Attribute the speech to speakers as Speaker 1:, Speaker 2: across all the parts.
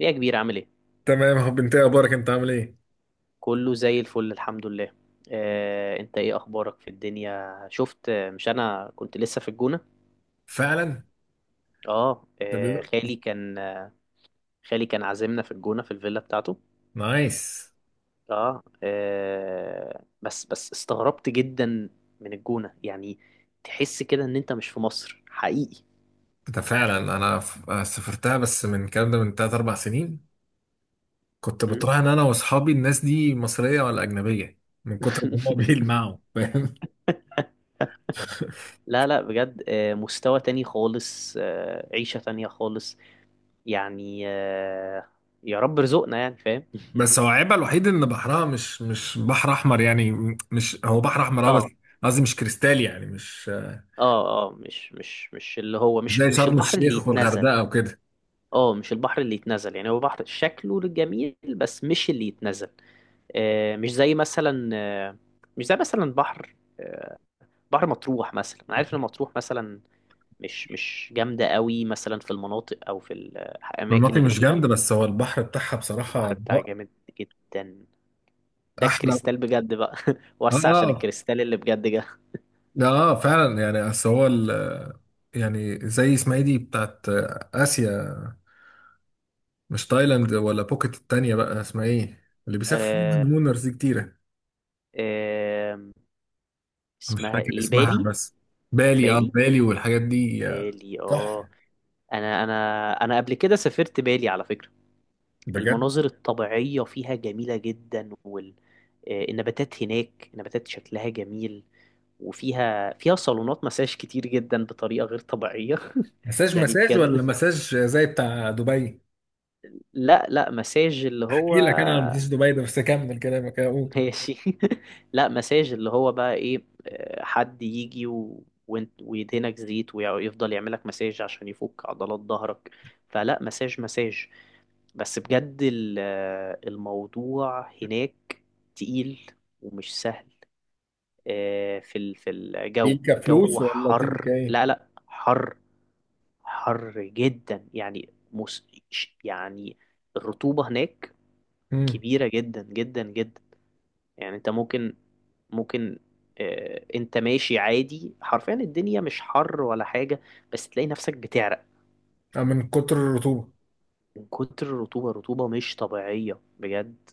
Speaker 1: ايه يا كبير، عامل ايه؟
Speaker 2: تمام يا حب، انت ايه اخبارك؟ انت عامل ايه؟
Speaker 1: كله زي الفل، الحمد لله. انت ايه اخبارك في الدنيا؟ شفت، مش انا كنت لسه في الجونة.
Speaker 2: فعلا.
Speaker 1: اه
Speaker 2: ده
Speaker 1: آه،
Speaker 2: بيقول.
Speaker 1: خالي كان عازمنا في الجونة في الفيلا بتاعته.
Speaker 2: نايس.
Speaker 1: اه، بس استغربت جدا من الجونة يعني، تحس كده ان انت مش في مصر حقيقي.
Speaker 2: ده فعلا انا سافرتها بس من الكلام ده من 3 4 سنين. كنت
Speaker 1: م؟
Speaker 2: بتراهن انا واصحابي الناس دي مصريه ولا اجنبيه، من كتر ما هم بيلمعوا، فاهم؟
Speaker 1: لا، لا، بجد، مستوى تاني خالص، عيشة تانية خالص. يعني، يا رب رزقنا يعني، فاهم؟
Speaker 2: بس هو عيبها الوحيد ان بحرها مش بحر احمر يعني. مش هو بحر احمر، اه، بس
Speaker 1: اه،
Speaker 2: قصدي مش كريستالي يعني، مش
Speaker 1: اه، اه، مش اللي هو
Speaker 2: مش
Speaker 1: مش
Speaker 2: زي
Speaker 1: مش
Speaker 2: شرم
Speaker 1: البحر اللي
Speaker 2: الشيخ
Speaker 1: يتنزل.
Speaker 2: والغردقه وكده.
Speaker 1: اه، مش البحر اللي يتنزل، يعني هو بحر شكله جميل بس مش اللي يتنزل. آه مش زي مثلا آه مش زي مثلا بحر مطروح مثلا. انا عارف ان مطروح مثلا مش جامده قوي مثلا في المناطق او في الاماكن
Speaker 2: المناطق
Speaker 1: اللي
Speaker 2: مش
Speaker 1: فيها.
Speaker 2: جامده، بس هو البحر بتاعها بصراحه
Speaker 1: البحر بتاعها جامد جدا، ده
Speaker 2: احلى.
Speaker 1: الكريستال بجد بقى. وسع عشان
Speaker 2: اه.
Speaker 1: الكريستال اللي بجد جه.
Speaker 2: ده اه فعلا، يعني اصل هو يعني زي اسمها ايه دي بتاعت اسيا؟ مش تايلاند ولا بوكيت، التانية بقى اسمها ايه، اللي بيسافر فيها
Speaker 1: آه
Speaker 2: الهانيمونرز دي كتيرة؟
Speaker 1: آه
Speaker 2: مش
Speaker 1: اسمها
Speaker 2: فاكر
Speaker 1: ايه،
Speaker 2: اسمها،
Speaker 1: بالي؟
Speaker 2: بس بالي، اه
Speaker 1: بالي،
Speaker 2: بالي، والحاجات دي.
Speaker 1: بالي، اه.
Speaker 2: تحفة.
Speaker 1: انا انا انا قبل كده سافرت بالي على فكرة.
Speaker 2: بجد؟
Speaker 1: المناظر الطبيعية فيها جميلة جدا والنباتات هناك نباتات شكلها جميل. وفيها صالونات مساج كتير جدا بطريقة غير طبيعية.
Speaker 2: مساج
Speaker 1: يعني
Speaker 2: مساج،
Speaker 1: بجد.
Speaker 2: ولا مساج زي بتاع دبي؟
Speaker 1: لا، لا، مساج اللي هو.
Speaker 2: احكي لك انا عن مساج دبي ده، بس اكمل كلامك اهو.
Speaker 1: ماشي. لا، مساج اللي هو بقى ايه، حد يجي و... وانت ويدهنك زيت ويفضل يعملك مساج عشان يفك عضلات ظهرك. فلا مساج مساج، بس بجد الموضوع هناك تقيل ومش سهل. في الجو.
Speaker 2: تلك فلوس
Speaker 1: جو
Speaker 2: ولا تلك
Speaker 1: حر،
Speaker 2: ايه؟
Speaker 1: لا، لا، حر، حر جدا، يعني الرطوبة هناك
Speaker 2: امم
Speaker 1: كبيرة جدا جدا جدا. يعني انت ممكن، انت ماشي عادي، حرفيا الدنيا مش حر ولا حاجة بس تلاقي نفسك بتعرق
Speaker 2: من كتر الرطوبة.
Speaker 1: من كتر الرطوبة. الرطوبة مش طبيعية بجد.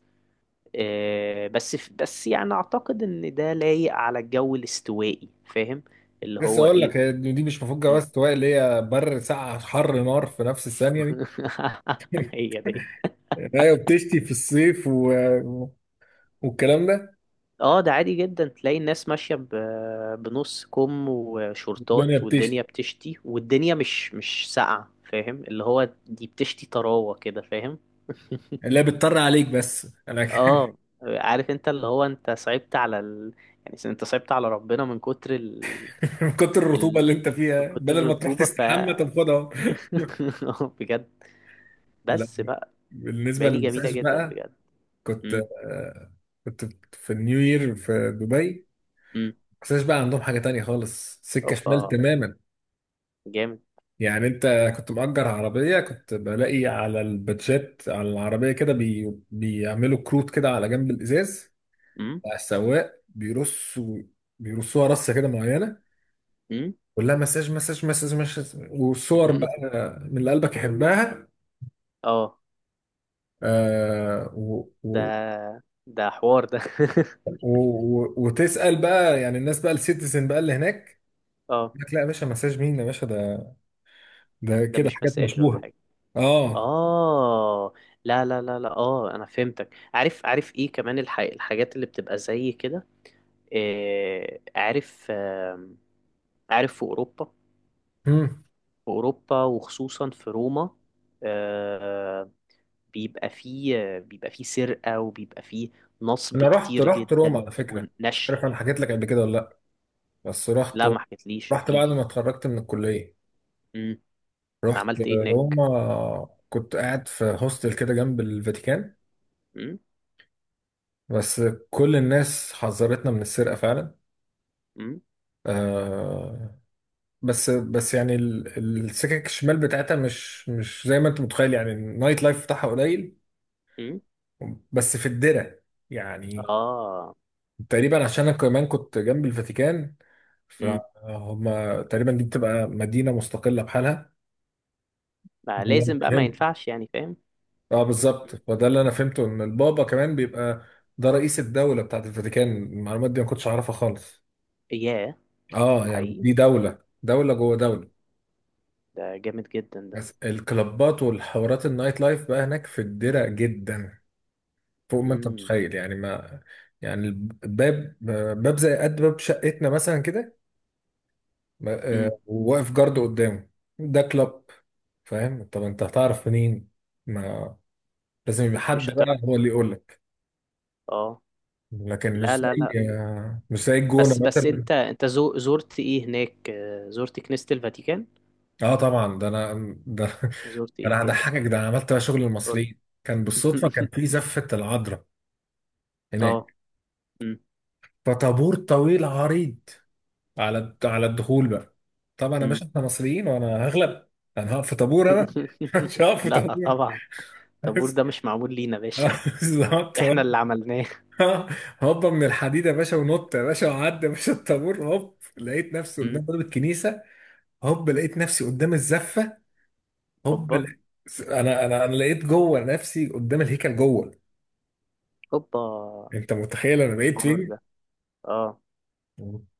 Speaker 1: بس يعني اعتقد ان ده لايق على الجو الاستوائي، فاهم؟ اللي
Speaker 2: لسه
Speaker 1: هو
Speaker 2: اقول
Speaker 1: ايه.
Speaker 2: لك، هي دي مش مفروض
Speaker 1: مم.
Speaker 2: جواز سواق، اللي هي بر ساقعة حر نار في نفس الثانية دي.
Speaker 1: هي دي.
Speaker 2: ايوه، بتشتي في الصيف والكلام ده.
Speaker 1: اه، ده عادي جدا، تلاقي الناس ماشية بنص كم
Speaker 2: الدنيا
Speaker 1: وشورتات والدنيا
Speaker 2: بتشتي،
Speaker 1: بتشتي والدنيا مش ساقعة، فاهم؟ اللي هو دي بتشتي طراوة كده، فاهم؟
Speaker 2: لا بتطر عليك بس انا
Speaker 1: اه، عارف انت اللي هو انت صعبت على. يعني انت صعبت على ربنا من كتر.
Speaker 2: من كتر الرطوبه
Speaker 1: ال...
Speaker 2: اللي انت
Speaker 1: من
Speaker 2: فيها،
Speaker 1: كتر
Speaker 2: بدل ما تروح
Speaker 1: الرطوبة.
Speaker 2: تستحمى طب خدها اهو.
Speaker 1: بجد.
Speaker 2: لا،
Speaker 1: بس بقى
Speaker 2: بالنسبه
Speaker 1: بالي جميلة
Speaker 2: للمساج
Speaker 1: جدا
Speaker 2: بقى،
Speaker 1: بجد.
Speaker 2: كنت،
Speaker 1: مم.
Speaker 2: آه، كنت في النيو يير في دبي.
Speaker 1: مم.
Speaker 2: المساج بقى عندهم حاجه تانية خالص، سكه شمال
Speaker 1: اوبا،
Speaker 2: تماما.
Speaker 1: جامد.
Speaker 2: يعني انت كنت مأجر عربيه، كنت بلاقي على البادجات على العربيه كده بيعملوا كروت كده على جنب الازاز.
Speaker 1: مم.
Speaker 2: بقى السواق بيرص، بيرصوها رصه كده معينه.
Speaker 1: مم.
Speaker 2: كلها مساج مساج مساج مساج وصور
Speaker 1: مم.
Speaker 2: بقى، من اللي قلبك يحبها.
Speaker 1: اه.
Speaker 2: آه و
Speaker 1: ده
Speaker 2: و
Speaker 1: ده حوار ده.
Speaker 2: و وتسأل بقى يعني الناس بقى، السيتيزن بقى اللي هناك،
Speaker 1: اه،
Speaker 2: يقول لك لا يا باشا، مساج مين يا باشا؟ ده ده
Speaker 1: ده
Speaker 2: كده
Speaker 1: مش
Speaker 2: حاجات
Speaker 1: مساج ولا
Speaker 2: مشبوهه.
Speaker 1: حاجة.
Speaker 2: اه.
Speaker 1: اه. لا، لا، لا، لا، اه، انا فهمتك. عارف، عارف ايه كمان الحاجات اللي بتبقى زي كده. عارف، عارف. في اوروبا،
Speaker 2: مم.
Speaker 1: في اوروبا وخصوصا في روما، آه، بيبقى فيه سرقة وبيبقى فيه نصب
Speaker 2: انا رحت،
Speaker 1: كتير
Speaker 2: رحت روما
Speaker 1: جدا
Speaker 2: على فكره، مش عارف
Speaker 1: ونشل.
Speaker 2: انا حكيت لك قبل كده ولا لا، بس رحت،
Speaker 1: لا، ما حكيتليش،
Speaker 2: رحت
Speaker 1: احكي
Speaker 2: بعد
Speaker 1: لي.
Speaker 2: ما اتخرجت من الكليه.
Speaker 1: امم.
Speaker 2: رحت
Speaker 1: عملت ايه هناك؟
Speaker 2: روما، كنت قاعد في هوستل كده جنب الفاتيكان.
Speaker 1: امم.
Speaker 2: بس كل الناس حذرتنا من السرقة فعلا.
Speaker 1: امم.
Speaker 2: آه، بس يعني السكك الشمال بتاعتها مش مش زي ما انت متخيل، يعني النايت لايف بتاعها قليل،
Speaker 1: امم.
Speaker 2: بس في الدرة. يعني
Speaker 1: اه،
Speaker 2: تقريبا، عشان
Speaker 1: قلت
Speaker 2: انا
Speaker 1: لي.
Speaker 2: كمان كنت جنب الفاتيكان، فهم.
Speaker 1: امم.
Speaker 2: تقريبا دي بتبقى مدينة مستقلة بحالها.
Speaker 1: ما
Speaker 2: ده اللي انا
Speaker 1: لازم بقى، ما
Speaker 2: فهمته،
Speaker 1: ينفعش يعني، فاهم؟
Speaker 2: اه بالظبط،
Speaker 1: مم.
Speaker 2: فده اللي انا فهمته، ان البابا كمان بيبقى ده رئيس الدولة بتاعت الفاتيكان. المعلومات دي ما كنتش اعرفها خالص.
Speaker 1: ياه،
Speaker 2: اه يعني
Speaker 1: حقيقي،
Speaker 2: دي دولة، دولة جوه دولة.
Speaker 1: ده جامد جدا ده.
Speaker 2: بس الكلابات والحوارات النايت لايف بقى هناك في الدرة جدا، فوق ما انت
Speaker 1: امم.
Speaker 2: متخيل، يعني ما، يعني الباب، باب زي قد باب شقتنا مثلا كده،
Speaker 1: امم.
Speaker 2: وواقف جارد قدامه، ده كلاب. فاهم؟ طب انت هتعرف منين؟ ما لازم يبقى
Speaker 1: مش
Speaker 2: حد
Speaker 1: هتعرف.
Speaker 2: بقى هو اللي يقول لك.
Speaker 1: اه.
Speaker 2: لكن
Speaker 1: لا،
Speaker 2: مش
Speaker 1: لا، لا،
Speaker 2: زي، مش زي الجونة
Speaker 1: بس
Speaker 2: مثلا.
Speaker 1: انت زرت ايه هناك؟ زرت كنيسة الفاتيكان.
Speaker 2: اه طبعا ده انا، ده
Speaker 1: زرت ايه
Speaker 2: انا
Speaker 1: تاني؟
Speaker 2: هضحكك، ده انا عملت بقى شغل
Speaker 1: قول.
Speaker 2: المصريين. كان بالصدفة، كان في زفة العذراء
Speaker 1: اه.
Speaker 2: هناك،
Speaker 1: امم.
Speaker 2: فطابور طويل عريض على على الدخول بقى. طبعا يا
Speaker 1: امم.
Speaker 2: باشا احنا مصريين وانا هغلب، انا هقف في طابور؟ انا مش هقف في
Speaker 1: لا،
Speaker 2: طابور.
Speaker 1: طبعا الطابور ده مش معمول لينا يا باشا.
Speaker 2: بالظبط.
Speaker 1: احنا اللي
Speaker 2: هوب،
Speaker 1: عملناه.
Speaker 2: هوبا من الحديد يا باشا، ونط يا باشا، وعدي يا باشا الطابور. هوب، لقيت نفسي قدام
Speaker 1: مم.
Speaker 2: باب الكنيسه. هوب لقيت نفسي قدام الزفه. هوب
Speaker 1: هوبا،
Speaker 2: لقيت- انا لقيت جوه، نفسي قدام الهيكل جوه.
Speaker 1: هوبا.
Speaker 2: انت متخيل انا بقيت
Speaker 1: الحوار
Speaker 2: فين؟
Speaker 1: ده. اه،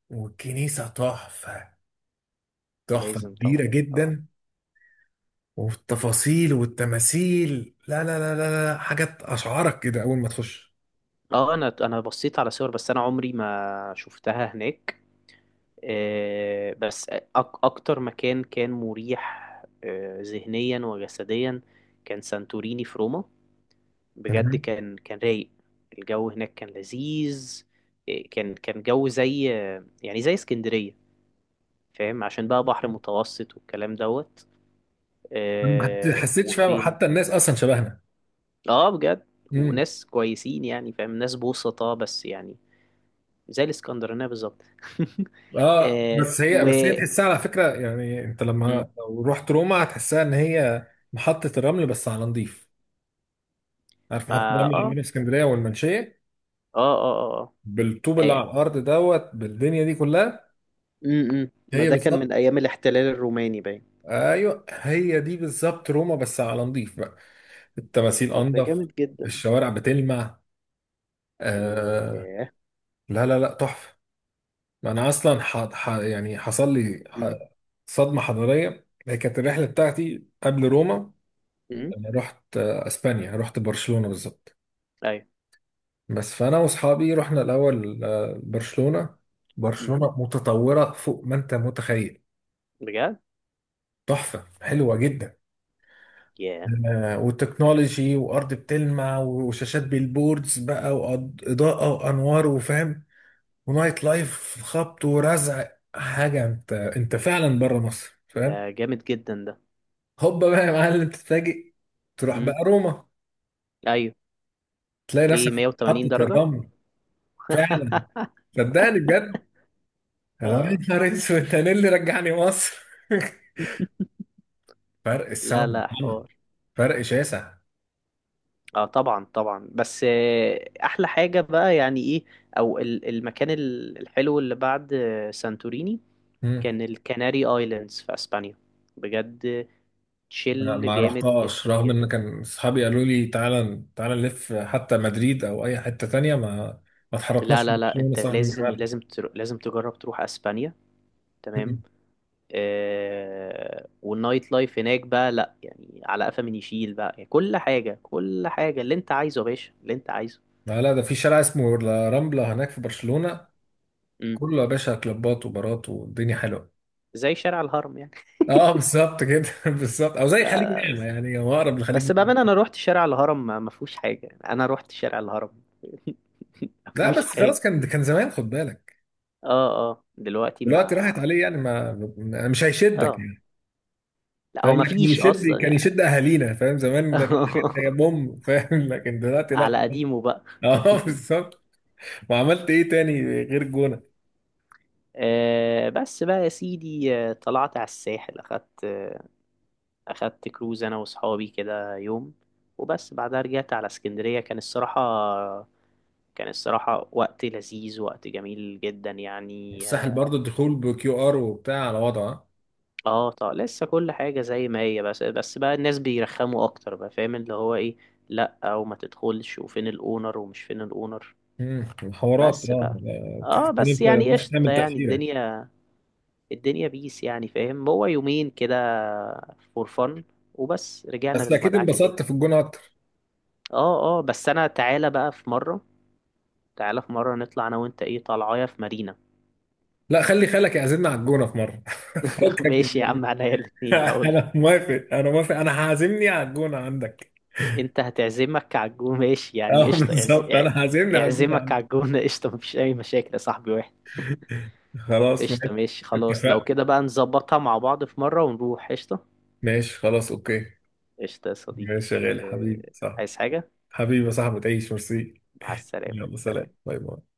Speaker 2: والكنيسه تحفه، تحفه
Speaker 1: لازم طبعا.
Speaker 2: كبيره
Speaker 1: اه،
Speaker 2: جدا. والتفاصيل والتماثيل، لا لا لا لا لا، حاجات اشعرك كده اول ما تخش.
Speaker 1: اه. انا بصيت على صور بس انا عمري ما شفتها هناك. آه بس أك اكتر مكان كان مريح، ذهنيا وجسديا، كان سانتوريني في روما. بجد،
Speaker 2: مهم.
Speaker 1: كان رايق. الجو هناك كان لذيذ، كان جو زي، يعني زي اسكندرية، فاهم، عشان بقى بحر متوسط والكلام دوت.
Speaker 2: ما حت- حسيتش فيها،
Speaker 1: وفين؟
Speaker 2: حتى الناس اصلا شبهنا.
Speaker 1: اه، بجد
Speaker 2: امم.
Speaker 1: وناس كويسين يعني فاهم، ناس بوسطاء بس يعني، زي الاسكندرانية بالظبط.
Speaker 2: اه
Speaker 1: آه
Speaker 2: بس هي،
Speaker 1: و
Speaker 2: بس هي تحسها على فكره، يعني انت
Speaker 1: م.
Speaker 2: لما لو رحت روما هتحسها ان هي محطه الرمل، بس على نضيف. عارف محطه
Speaker 1: ما،
Speaker 2: الرمل اللي
Speaker 1: اه،
Speaker 2: عندنا في اسكندريه والمنشيه،
Speaker 1: اه، اه، اه، اه.
Speaker 2: بالطوب اللي على
Speaker 1: أي-
Speaker 2: الارض دوت، بالدنيا دي كلها.
Speaker 1: م. ما
Speaker 2: هي
Speaker 1: ده كان من
Speaker 2: بالظبط،
Speaker 1: ايام الاحتلال الروماني باين.
Speaker 2: ايوه هي دي بالظبط، روما بس على نضيف بقى. التماثيل
Speaker 1: طب ده
Speaker 2: انضف،
Speaker 1: جامد جدا.
Speaker 2: الشوارع بتلمع.
Speaker 1: م.
Speaker 2: آه.
Speaker 1: ياه.
Speaker 2: لا لا لا، تحفة. ما انا اصلا يعني حصل لي
Speaker 1: م.
Speaker 2: صدمة حضارية. هي كانت الرحلة بتاعتي قبل روما،
Speaker 1: م.
Speaker 2: انا رحت، اسبانيا، رحت برشلونة بالظبط.
Speaker 1: ايوه.
Speaker 2: بس فانا واصحابي رحنا الاول، برشلونة.
Speaker 1: م.
Speaker 2: برشلونة متطورة فوق ما انت متخيل،
Speaker 1: بجد.
Speaker 2: تحفة، حلوة جدا.
Speaker 1: ياه،
Speaker 2: والتكنولوجي، وارض بتلمع، وشاشات بالبوردز بقى، واضاءة وانوار، وفاهم، ونايت لايف خبط ورزع، حاجه انت فعلا بره مصر،
Speaker 1: ده
Speaker 2: فاهم؟
Speaker 1: جامد جدا ده.
Speaker 2: هوبا بقى يا معلم، تتفاجئ، تروح
Speaker 1: م.
Speaker 2: بقى روما،
Speaker 1: ايوه.
Speaker 2: تلاقي
Speaker 1: ايه؟
Speaker 2: نفسك في
Speaker 1: 180
Speaker 2: محطه
Speaker 1: درجة.
Speaker 2: الرمل. فعلا، صدقني بجد، انا يا
Speaker 1: اه.
Speaker 2: نهار اسود، انا اللي رجعني مصر. فرق
Speaker 1: لا،
Speaker 2: السما،
Speaker 1: لا، حوار.
Speaker 2: فرق شاسع.
Speaker 1: اه، طبعا، طبعا. بس احلى حاجة بقى يعني ايه، او المكان الحلو اللي بعد سانتوريني،
Speaker 2: مم.
Speaker 1: كان الكناري ايلاندز في اسبانيا. بجد،
Speaker 2: ما
Speaker 1: تشيل
Speaker 2: ما
Speaker 1: جامد
Speaker 2: رحتهاش،
Speaker 1: جدا
Speaker 2: رغم
Speaker 1: جدا.
Speaker 2: ان كان اصحابي قالوا لي تعالى تعالى نلف حتى مدريد او اي حته تانية، ما ما
Speaker 1: لا،
Speaker 2: اتحركناش من
Speaker 1: لا، لا،
Speaker 2: برشلونه،
Speaker 1: انت
Speaker 2: صح، من
Speaker 1: لازم،
Speaker 2: جمالها.
Speaker 1: لازم تجرب تروح اسبانيا. تمام. والنايت لايف هناك بقى لا يعني، على قفا من يشيل بقى، يعني كل حاجة، كل حاجة اللي انت عايزه يا باشا، اللي انت عايزه.
Speaker 2: لا لا، ده في شارع اسمه لا رامبلا هناك في برشلونة،
Speaker 1: امم.
Speaker 2: كله يا باشا كلوبات وبارات، والدنيا حلوة.
Speaker 1: زي شارع الهرم يعني.
Speaker 2: اه بالظبط كده، بالظبط، او زي خليج
Speaker 1: لا،
Speaker 2: نعمة، يعني هو اقرب لخليج
Speaker 1: بس بأمانة
Speaker 2: نعمة.
Speaker 1: أنا روحت شارع الهرم، ما فيهوش حاجة يعني، أنا روحت شارع الهرم. ما
Speaker 2: لا
Speaker 1: فيهوش
Speaker 2: بس
Speaker 1: حاجة.
Speaker 2: خلاص، كان كان زمان، خد بالك،
Speaker 1: اه، اه، دلوقتي ما،
Speaker 2: دلوقتي راحت عليه يعني، ما مش هيشدك
Speaker 1: اه،
Speaker 2: يعني.
Speaker 1: لا
Speaker 2: فاهم؟
Speaker 1: هو ما
Speaker 2: لكن
Speaker 1: فيش
Speaker 2: يشد،
Speaker 1: أصلا
Speaker 2: كان
Speaker 1: يعني.
Speaker 2: يشد اهالينا، فاهم؟ زمان ده كان حاجات، ده بوم، فاهم؟ لكن دلوقتي لا،
Speaker 1: على
Speaker 2: خلاص.
Speaker 1: قديمه بقى.
Speaker 2: اه بالظبط. وعملت ايه تاني غير الجونة؟
Speaker 1: بس بقى يا سيدي، طلعت على الساحل، أخدت كروز أنا وأصحابي كده يوم، وبس بعدها رجعت على اسكندرية. كان الصراحة وقت لذيذ، وقت جميل جدا يعني.
Speaker 2: الساحل برضو الدخول بكيو ار وبتاع على وضعه آه.
Speaker 1: اه، طب لسه كل حاجة زي ما هي، بس بقى الناس بيرخموا اكتر بقى، فاهم اللي هو ايه. لا، او ما تدخلش، وفين الاونر ومش فين الاونر.
Speaker 2: مم. الحوارات،
Speaker 1: بس
Speaker 2: اه،
Speaker 1: بقى.
Speaker 2: تحس
Speaker 1: اه،
Speaker 2: ان
Speaker 1: بس
Speaker 2: انت
Speaker 1: يعني
Speaker 2: رايح
Speaker 1: قشطة،
Speaker 2: تعمل
Speaker 1: يعني
Speaker 2: تأثيرة.
Speaker 1: الدنيا بيس يعني، فاهم، هو يومين كده، فور فن، وبس رجعنا
Speaker 2: بس اكيد
Speaker 1: للمدعكة تاني.
Speaker 2: انبسطت في الجون اكتر.
Speaker 1: اه، اه، بس انا تعالى بقى في مرة، تعالى في مرة نطلع انا وانت، ايه طالعايا في مارينا.
Speaker 2: لا، خلي خالك يعزمنا على الجونة في مرة، فكك من
Speaker 1: ماشي يا
Speaker 2: المريخ.
Speaker 1: عم، عليا الاتنين هقول.
Speaker 2: انا موافق، انا موافق، انا هعزمني على الجونة عندك.
Speaker 1: انت هتعزمك على الجو ماشي، يعني
Speaker 2: اه
Speaker 1: قشطة،
Speaker 2: بالظبط، انا هعزمني على الجونة
Speaker 1: اعزمك
Speaker 2: عندك.
Speaker 1: على الجونة. قشطة، مفيش أي مشاكل يا صاحبي واحد.
Speaker 2: خلاص
Speaker 1: قشطة،
Speaker 2: ماشي،
Speaker 1: ماشي خلاص، لو
Speaker 2: اتفقنا.
Speaker 1: كده بقى نظبطها مع بعض في مرة ونروح، قشطة.
Speaker 2: ماشي خلاص، اوكي.
Speaker 1: قشطة يا صديقي.
Speaker 2: ماشي يا غالي، حبيبي،
Speaker 1: آه،
Speaker 2: صح.
Speaker 1: عايز حاجة؟
Speaker 2: حبيبي يا صاحبي، تعيش، ميرسي.
Speaker 1: مع السلامة،
Speaker 2: يلا سلام،
Speaker 1: سلام.
Speaker 2: باي باي.